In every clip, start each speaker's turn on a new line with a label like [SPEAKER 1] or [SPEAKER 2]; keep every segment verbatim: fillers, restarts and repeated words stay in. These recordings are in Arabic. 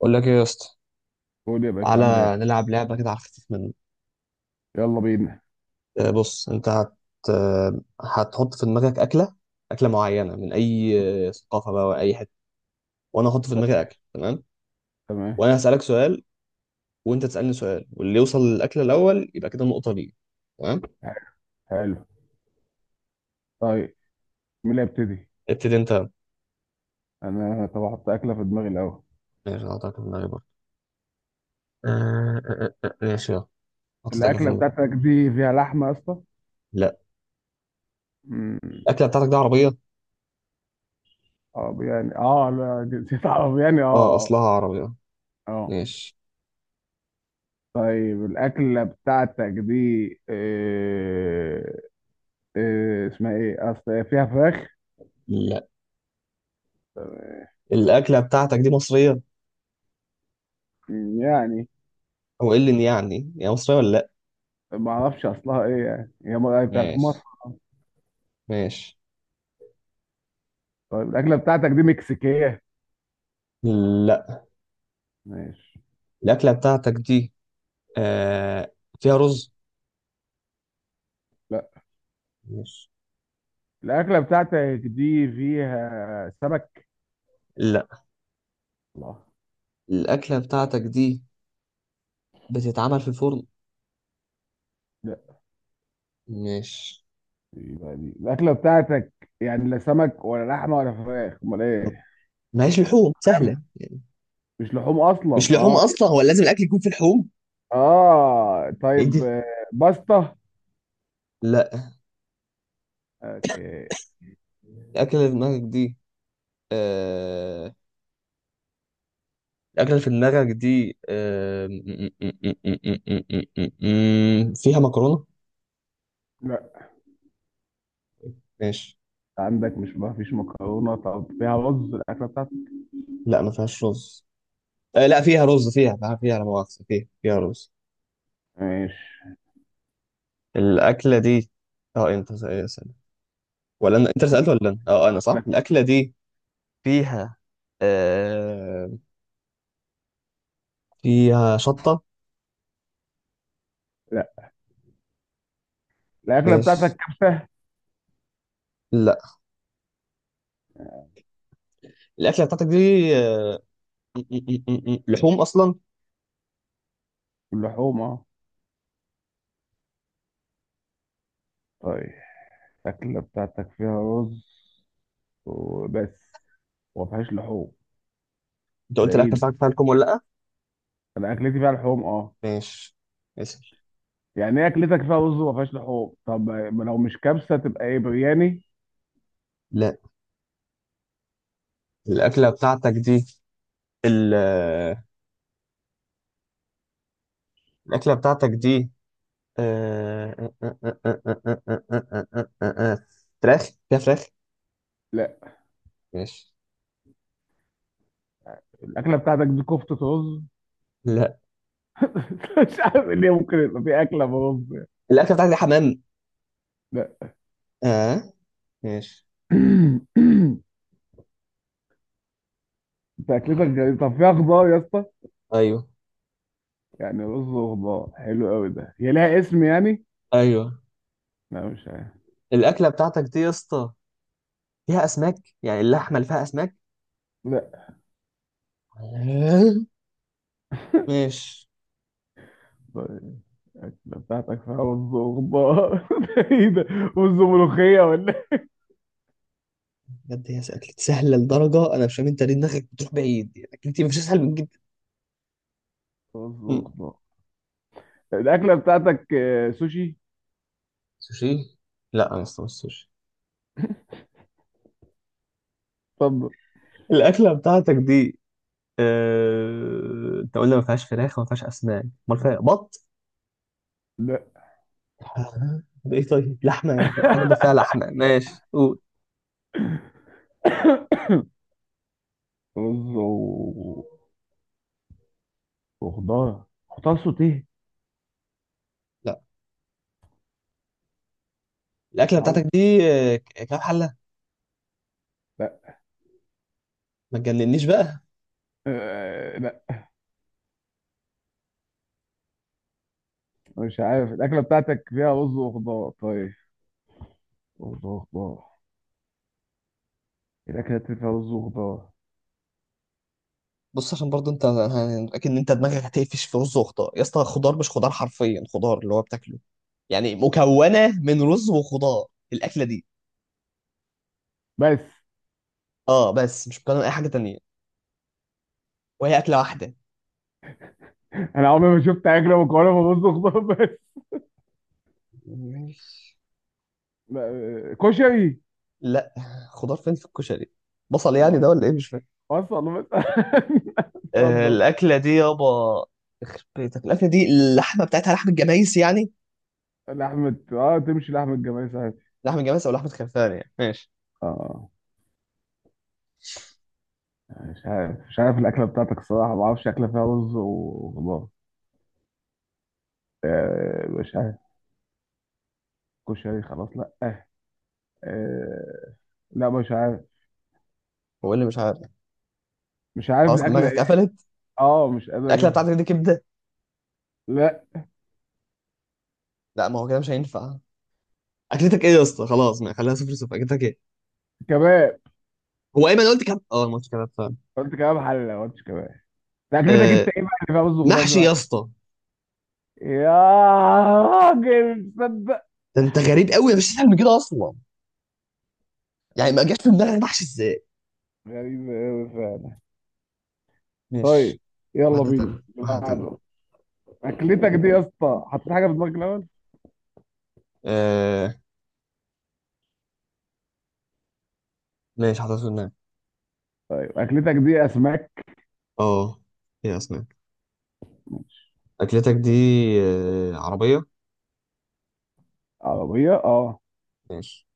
[SPEAKER 1] اقول لك ايه يا اسطى؟
[SPEAKER 2] قول يا باشا عامل ايه.
[SPEAKER 1] تعالى نلعب لعبه كده على الخفيف منه.
[SPEAKER 2] يلا بينا.
[SPEAKER 1] آه، بص انت هت آه، هتحط في دماغك اكله. اكله معينه من اي آه، ثقافه بقى، واي حته. وانا احط في
[SPEAKER 2] ت-
[SPEAKER 1] دماغي اكل. تمام؟
[SPEAKER 2] تمام.
[SPEAKER 1] وانا هسالك سؤال، وانت تسالني سؤال، واللي يوصل للاكل الاول يبقى كده النقطه ليه. تمام.
[SPEAKER 2] حلو. طيب، مين اللي هيبتدي؟
[SPEAKER 1] ابتدي انت.
[SPEAKER 2] انا طب احط اكله في دماغي الاول.
[SPEAKER 1] ماشي، انا هحطك في دماغي برضه. آه، آه، آه، آه، ماشي يلا. حطيت اكل في
[SPEAKER 2] الاكله
[SPEAKER 1] دماغي.
[SPEAKER 2] بتاعتك دي فيها لحمه يا اسطى؟
[SPEAKER 1] لا.
[SPEAKER 2] مم.
[SPEAKER 1] الاكله بتاعتك دي عربيه؟
[SPEAKER 2] اه يعني اه لا، نسيت اعرف يعني اه
[SPEAKER 1] اه،
[SPEAKER 2] اه
[SPEAKER 1] اصلها عربيه.
[SPEAKER 2] اه
[SPEAKER 1] ماشي.
[SPEAKER 2] طيب الاكله بتاعتك دي إيه؟ إيه اسمها ايه؟ اصل هي فيها فراخ
[SPEAKER 1] لا. الاكله بتاعتك دي مصريه؟
[SPEAKER 2] يعني.
[SPEAKER 1] هو ايه اللي يعني هي مصريه ولا لا؟
[SPEAKER 2] ما اعرفش اصلها ايه، يعني هي م- يعني بتاعت في مصر.
[SPEAKER 1] ماشي. ماشي.
[SPEAKER 2] طيب الاكله بتاعتك دي مكسيكيه؟
[SPEAKER 1] لا.
[SPEAKER 2] ماشي.
[SPEAKER 1] الأكلة بتاعتك دي آه فيها رز؟
[SPEAKER 2] لا.
[SPEAKER 1] ماشي.
[SPEAKER 2] الأكلة بتاعتك دي فيها سمك؟
[SPEAKER 1] لا.
[SPEAKER 2] الله.
[SPEAKER 1] الأكلة بتاعتك دي بتتعمل في الفرن؟
[SPEAKER 2] لا.
[SPEAKER 1] ماشي.
[SPEAKER 2] يبقى دي الأكلة بتاعتك يعني لا سمك ولا لحمة ولا فراخ، أمال إيه؟
[SPEAKER 1] ماهيش لحوم سهلة يعني.
[SPEAKER 2] مش لحوم أصلا،
[SPEAKER 1] مش لحوم
[SPEAKER 2] أه.
[SPEAKER 1] أصلا؟ هو لازم الأكل يكون في لحوم؟
[SPEAKER 2] آه
[SPEAKER 1] إيه
[SPEAKER 2] طيب
[SPEAKER 1] ده؟
[SPEAKER 2] آه، باستا.
[SPEAKER 1] لا.
[SPEAKER 2] أوكي.
[SPEAKER 1] الأكلة اللي في دماغك دي آه الأكلة اللي في دماغك دي آه... م- م- م- م- م- م- م- م- م- فيها مكرونة؟
[SPEAKER 2] لا.
[SPEAKER 1] ماشي.
[SPEAKER 2] عندك مش ما فيش مكرونة، طب فيها رز الأكلة بتاعتك؟
[SPEAKER 1] لا، ما فيهاش رز. آه لا، فيها رز، فيها فيها فيها، لا مؤاخذة، فيها فيها رز.
[SPEAKER 2] ماشي.
[SPEAKER 1] الأكلة دي، اه انت سأل- سأل. ولا انا؟ انت اللي سألت ولا انا؟ اه انا صح.
[SPEAKER 2] لا.
[SPEAKER 1] الأكلة دي فيها آه... فيها شطة؟
[SPEAKER 2] لا، الأكلة
[SPEAKER 1] مش
[SPEAKER 2] بتاعتك كبسة؟
[SPEAKER 1] لا. الأكلة بتاعتك دي آه... م- م- م- م- لحوم أصلا؟
[SPEAKER 2] اللحوم، أه. طيب الأكلة بتاعتك فيها رز وبس، وما فيهاش لحوم.
[SPEAKER 1] انت
[SPEAKER 2] ده
[SPEAKER 1] قلت
[SPEAKER 2] إيه
[SPEAKER 1] الأكلة
[SPEAKER 2] ده؟
[SPEAKER 1] بتاعتك فيها لحوم ولا لا؟
[SPEAKER 2] أنا أكلتي فيها لحوم، أه.
[SPEAKER 1] ماشي، اسأل.
[SPEAKER 2] يعني ايه اكلتك فيها رز وما فيهاش لحوم؟ طب ما لو مش كبسه تبقى ايه، برياني؟
[SPEAKER 1] لا. الأكلة بتاعتك دي ال... آه، الأكلة بتاعتك دي آه، آه، آه، آه، آه، آه، آه، آه، آه، آه، آه. فراخ؟ فيها فراخ؟
[SPEAKER 2] لا.
[SPEAKER 1] ماشي.
[SPEAKER 2] الاكله بتاعتك دي كفته رز؟
[SPEAKER 1] لا.
[SPEAKER 2] مش عارف ليه ممكن يبقى في اكله برز يعني.
[SPEAKER 1] الأكلة بتاعتك دي حمام؟
[SPEAKER 2] لا.
[SPEAKER 1] اه. ماشي.
[SPEAKER 2] انت اكلتك غريبة. طب فيها خضار يا اسطى؟
[SPEAKER 1] ايوه،
[SPEAKER 2] يعني رز وخضار؟ حلو قوي. ده هي لها اسم يعني؟
[SPEAKER 1] ايوه.
[SPEAKER 2] لا مش عارف.
[SPEAKER 1] الاكله بتاعتك دي يا اسطى فيها اسماك؟ يعني اللحمه اللي فيها اسماك؟
[SPEAKER 2] لا.
[SPEAKER 1] آه، ماشي.
[SPEAKER 2] طيب الاكله بتاعتك فيها رز وخضار؟ ده ايه ده؟ رز وملوخيه ولا إيه؟
[SPEAKER 1] بجد هي اكلتي سهله لدرجه انا مش فاهم انت ليه دماغك بتروح بعيد. يعني اكلتي مش اسهل من جدا.
[SPEAKER 2] رز
[SPEAKER 1] مم.
[SPEAKER 2] وخضار. الاكله بتاعتك آه، سوشي؟
[SPEAKER 1] سوشي؟ لا، انا اسطى مش سوشي.
[SPEAKER 2] طب
[SPEAKER 1] الاكله بتاعتك دي، آه، انت قلنا ما فيهاش فراخ وما فيهاش اسماك، امال فيها بط؟
[SPEAKER 2] لا.
[SPEAKER 1] آه، ده ايه طيب؟ لحمه يعني، تبقى حاجه بس فيها لحمه، ماشي قول.
[SPEAKER 2] رز وخضار. خضار سوتيه.
[SPEAKER 1] لا. الاكله
[SPEAKER 2] صعبة.
[SPEAKER 1] بتاعتك دي آه، ك- كام حله؟
[SPEAKER 2] لا
[SPEAKER 1] ما تجننيش بقى.
[SPEAKER 2] آه. لا مش عارف. الأكلة بتاعتك فيها رز وخضار، طيب. خضار خضار. الأكلة اللي فيها رز وخضار
[SPEAKER 1] بص، عشان برضه انت ه- اكيد ان انت دماغك هتقفش في رز وخضار يا اسطى. خضار مش خضار حرفيا، خضار اللي هو بتاكله. يعني مكونه من رز وخضار الاكله دي.
[SPEAKER 2] بس؟
[SPEAKER 1] اه بس مش مكونه من اي حاجه تانية، وهي اكله واحده.
[SPEAKER 2] أنا عمري ما شفت أكلة مكونة من رز وخضار بس.
[SPEAKER 1] ماشي.
[SPEAKER 2] لا، آه، كشري.
[SPEAKER 1] لا. خضار فين في الكشري؟ بصل
[SPEAKER 2] ما-
[SPEAKER 1] يعني ده ولا ايه؟ مش فاهم.
[SPEAKER 2] وصل بس.
[SPEAKER 1] آه
[SPEAKER 2] اتفضل.
[SPEAKER 1] الاكله دي يابا، يخرب بيتك الاكله دي! اللحمه بتاعتها لحمه جمايس يعني.
[SPEAKER 2] لحمة اه، تمشي لحمة جمال ساعتها.
[SPEAKER 1] لحمه جمايس او لحمه خرفان يعني. ماشي.
[SPEAKER 2] اه مش عارف، مش عارف الأكلة بتاعتك الصراحة. ما أعرفش أكلة فيها رز وخضار. آه مش عارف. كشري، خلاص لأ. آه، آه، لا مش عارف.
[SPEAKER 1] هو إيه اللي مش عارف؟
[SPEAKER 2] مش عارف
[SPEAKER 1] خلاص
[SPEAKER 2] الاكله
[SPEAKER 1] دماغك
[SPEAKER 2] ايه.
[SPEAKER 1] قفلت.
[SPEAKER 2] اه مش قادر
[SPEAKER 1] الاكله
[SPEAKER 2] اجيبها.
[SPEAKER 1] بتاعتك دي كبده؟
[SPEAKER 2] لا.
[SPEAKER 1] لا، ما هو كده مش هينفع. اكلتك ايه يا اسطى؟ خلاص ما خليها صفر صفر. اكلتك ايه؟
[SPEAKER 2] كباب.
[SPEAKER 1] هو ايمن قلت كام، اه، الماتش كده فاهم؟
[SPEAKER 2] قلت كباب حل، ما قلتش كباب. ده اكلتك
[SPEAKER 1] آه،
[SPEAKER 2] انت ايه بقى اللي فيها رز وخضار دي
[SPEAKER 1] محشي يا
[SPEAKER 2] بقى؟
[SPEAKER 1] اسطى.
[SPEAKER 2] يا راجل، تصدق
[SPEAKER 1] ده انت غريب قوي، مش تسال من كده اصلا. يعني ما جاش في دماغك محشي ازاي؟
[SPEAKER 2] غريبة أوي فعلا.
[SPEAKER 1] ماشي.
[SPEAKER 2] طيب، يلا
[SPEAKER 1] واحده
[SPEAKER 2] بينا.
[SPEAKER 1] تانية،
[SPEAKER 2] اللي
[SPEAKER 1] واحده تانية.
[SPEAKER 2] بعده. أكلتك دي يا اسطى، حطيت حاجة في دماغك الأول؟
[SPEAKER 1] آه، ماشي، حاطط في دماغي.
[SPEAKER 2] طيب أكلتك دي أسماك؟
[SPEAKER 1] اه. ايه يا اسماك؟ اكلتك دي آه عربيه؟
[SPEAKER 2] عربية؟ أه.
[SPEAKER 1] ماشي.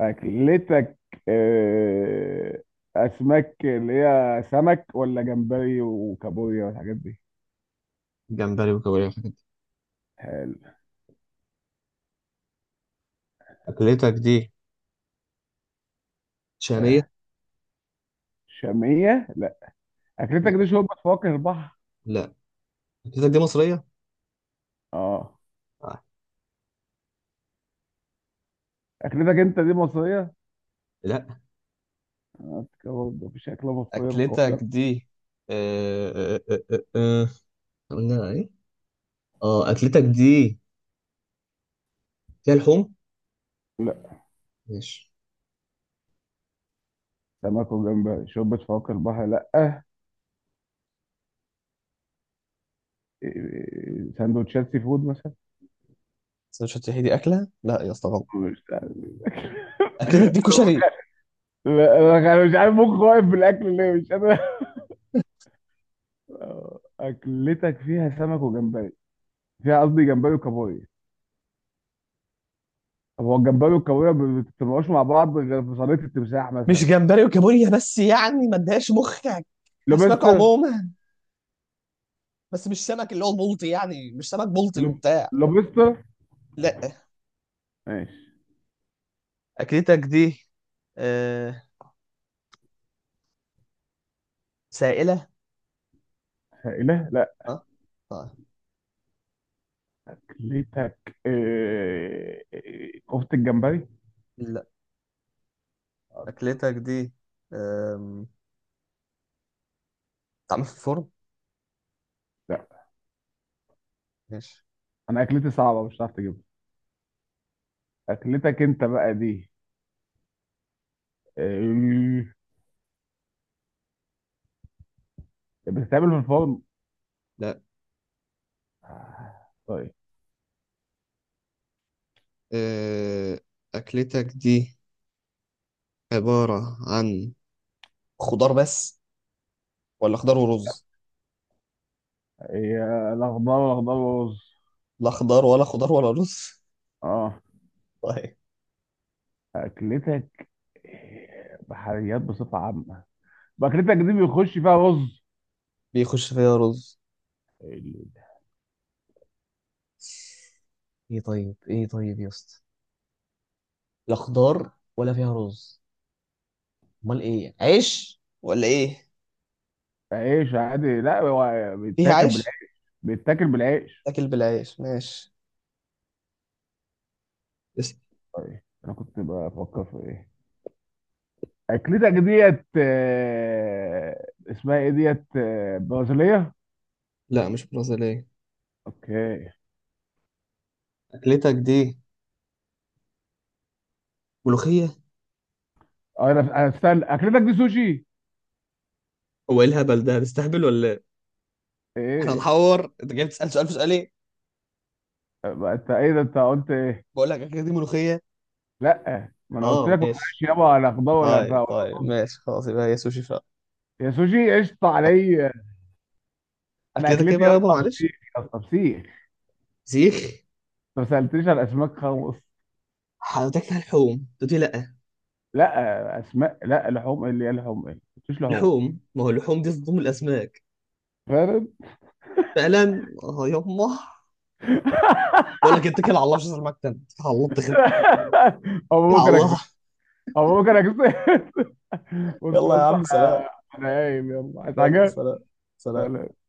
[SPEAKER 2] أكلتك آه، أسماك اللي هي سمك ولا جمبري وكابوريا والحاجات دي؟
[SPEAKER 1] جمبري وكابوريا وحاجات دي.
[SPEAKER 2] حلو.
[SPEAKER 1] اكلتك دي شاميه؟
[SPEAKER 2] آه، شامية؟ لا. اكلتك دي
[SPEAKER 1] ماشي.
[SPEAKER 2] شوربه فواكه البحر؟
[SPEAKER 1] لا. اكلتك دي مصريه؟
[SPEAKER 2] اه.
[SPEAKER 1] آه.
[SPEAKER 2] اكلتك انت دي مصريه؟
[SPEAKER 1] لا.
[SPEAKER 2] آه، برضه مفيش اكله مصريه
[SPEAKER 1] اكلتك
[SPEAKER 2] مكوكه.
[SPEAKER 1] دي آه آه آه آه. آه. قلنا ايه؟ اه، اكلتك دي فيها لحوم؟
[SPEAKER 2] لا.
[SPEAKER 1] ماشي.
[SPEAKER 2] سمك وجمبري شوربه فواكه البحر لا آه. إيه، سندوتشات سي فود مثلا؟
[SPEAKER 1] سندوتشات؟ هي دي اكله؟ لا يا اسطى غلط.
[SPEAKER 2] مش عارف.
[SPEAKER 1] اكلتك دي كشري؟
[SPEAKER 2] لا انا أنا مش عارف مخي واقف بالاكل ليه، مش قادر. آه، اكلتك فيها سمك وجمبري، فيها قصدي جمبري وكابوريا. طب هو الجمبري والكابوريا ما بتتطلعوش مع بعض غير في صينيه التمساح
[SPEAKER 1] مش
[SPEAKER 2] مثلا.
[SPEAKER 1] جمبري وكابوريا بس، يعني ما اديهاش مخك. اسماك
[SPEAKER 2] لوبستر.
[SPEAKER 1] عموما، بس مش سمك اللي هو البلطي. يعني مش سمك بلطي
[SPEAKER 2] لوب-
[SPEAKER 1] وبتاع.
[SPEAKER 2] لوبستر.
[SPEAKER 1] لا.
[SPEAKER 2] ماشي.
[SPEAKER 1] اكلتك دي آه سائله؟
[SPEAKER 2] لا لا.
[SPEAKER 1] اه طيب.
[SPEAKER 2] اكلتك آه، آه، كفتة الجمبري؟
[SPEAKER 1] لا. اكلتك دي آم، بتتعمل في الفرن؟
[SPEAKER 2] لا.
[SPEAKER 1] ماشي.
[SPEAKER 2] انا اكلتي صعبة، مش هتعرف تجيبها. اكلتك انت بقى دي آه، بتتعمل في الفرن؟
[SPEAKER 1] لا.
[SPEAKER 2] آه، طيب.
[SPEAKER 1] أه... أكلتك دي عبارة عن خضار بس، ولا خضار ورز؟
[SPEAKER 2] هي الاخضر الاخضر ورز.
[SPEAKER 1] لا خضار، ولا خضار ولا رز.
[SPEAKER 2] اه.
[SPEAKER 1] طيب،
[SPEAKER 2] اكلتك آه، بحريات بصفة عامة، واكلتك دي بيخش فيها رز؟
[SPEAKER 1] بيخش فيها رز؟ ايه طيب، ايه طيب يا اسطى؟ لا خضار ولا فيها رز، امال ايه؟ عيش ولا ايه؟
[SPEAKER 2] عيش عادي، لا هو
[SPEAKER 1] فيها
[SPEAKER 2] بيتاكل
[SPEAKER 1] عيش؟
[SPEAKER 2] بالعيش. بيتاكل بالعيش.
[SPEAKER 1] تاكل بالعيش. ماشي. است...
[SPEAKER 2] طيب انا كنت بفكر في ايه. اكلتك ديت آه، اسمها ايه؟ ديت آه، برازيليه.
[SPEAKER 1] لا، مش برازيلية.
[SPEAKER 2] اوكي.
[SPEAKER 1] أكلتك دي ملوخية.
[SPEAKER 2] اه انا انا استنى، اكلتك دي سوشي؟
[SPEAKER 1] هو إيه الهبل ده؟ هتستهبل ولا إيه؟ احنا
[SPEAKER 2] ايه؟
[SPEAKER 1] هنحور؟ انت جاي بتسال سؤال في سؤال ايه؟
[SPEAKER 2] بقى انت ايه ده، انت قلت ايه؟
[SPEAKER 1] بقول لك اكلتي ملوخيه.
[SPEAKER 2] لا ما انا قلت
[SPEAKER 1] آه،
[SPEAKER 2] لك ما
[SPEAKER 1] ماشي.
[SPEAKER 2] فيهاش يابا، ولا خضار ولا فا-
[SPEAKER 1] طيب
[SPEAKER 2] ولا
[SPEAKER 1] طيب،
[SPEAKER 2] رز.
[SPEAKER 1] ماشي خلاص، يبقى هي سوشي فعلا.
[SPEAKER 2] يا سوشي قشطه عليا. انا
[SPEAKER 1] اكلتك ايه
[SPEAKER 2] اكلتي
[SPEAKER 1] بقى
[SPEAKER 2] يا
[SPEAKER 1] يابا،
[SPEAKER 2] اسطى
[SPEAKER 1] معلش؟
[SPEAKER 2] فسيخ. يا اسطى فسيخ.
[SPEAKER 1] سيخ.
[SPEAKER 2] انت ما سالتنيش على اسماك خالص.
[SPEAKER 1] حضرتك فيها لحوم تقولي لأ؟
[SPEAKER 2] لا اسماء لا لحوم، ايه اللي هي لحوم؟ ايه؟ ما قلتش لحوم.
[SPEAKER 1] لحوم، ما هو اللحوم دي تضم الاسماك.
[SPEAKER 2] فاهم.
[SPEAKER 1] فعلا، اه يما. بقول لك اتكل على الله، مش هسمعك تاني. اتكل على الله. اتكل
[SPEAKER 2] او
[SPEAKER 1] على
[SPEAKER 2] ممكن اكسب.
[SPEAKER 1] الله.
[SPEAKER 2] او ممكن اكسب. بص
[SPEAKER 1] يلا
[SPEAKER 2] يا
[SPEAKER 1] يا
[SPEAKER 2] اسطى
[SPEAKER 1] عم، سلام.
[SPEAKER 2] انا، أنا قايم يلا، عايز
[SPEAKER 1] يلا
[SPEAKER 2] حاجه.
[SPEAKER 1] سلام. سلام.
[SPEAKER 2] سلام.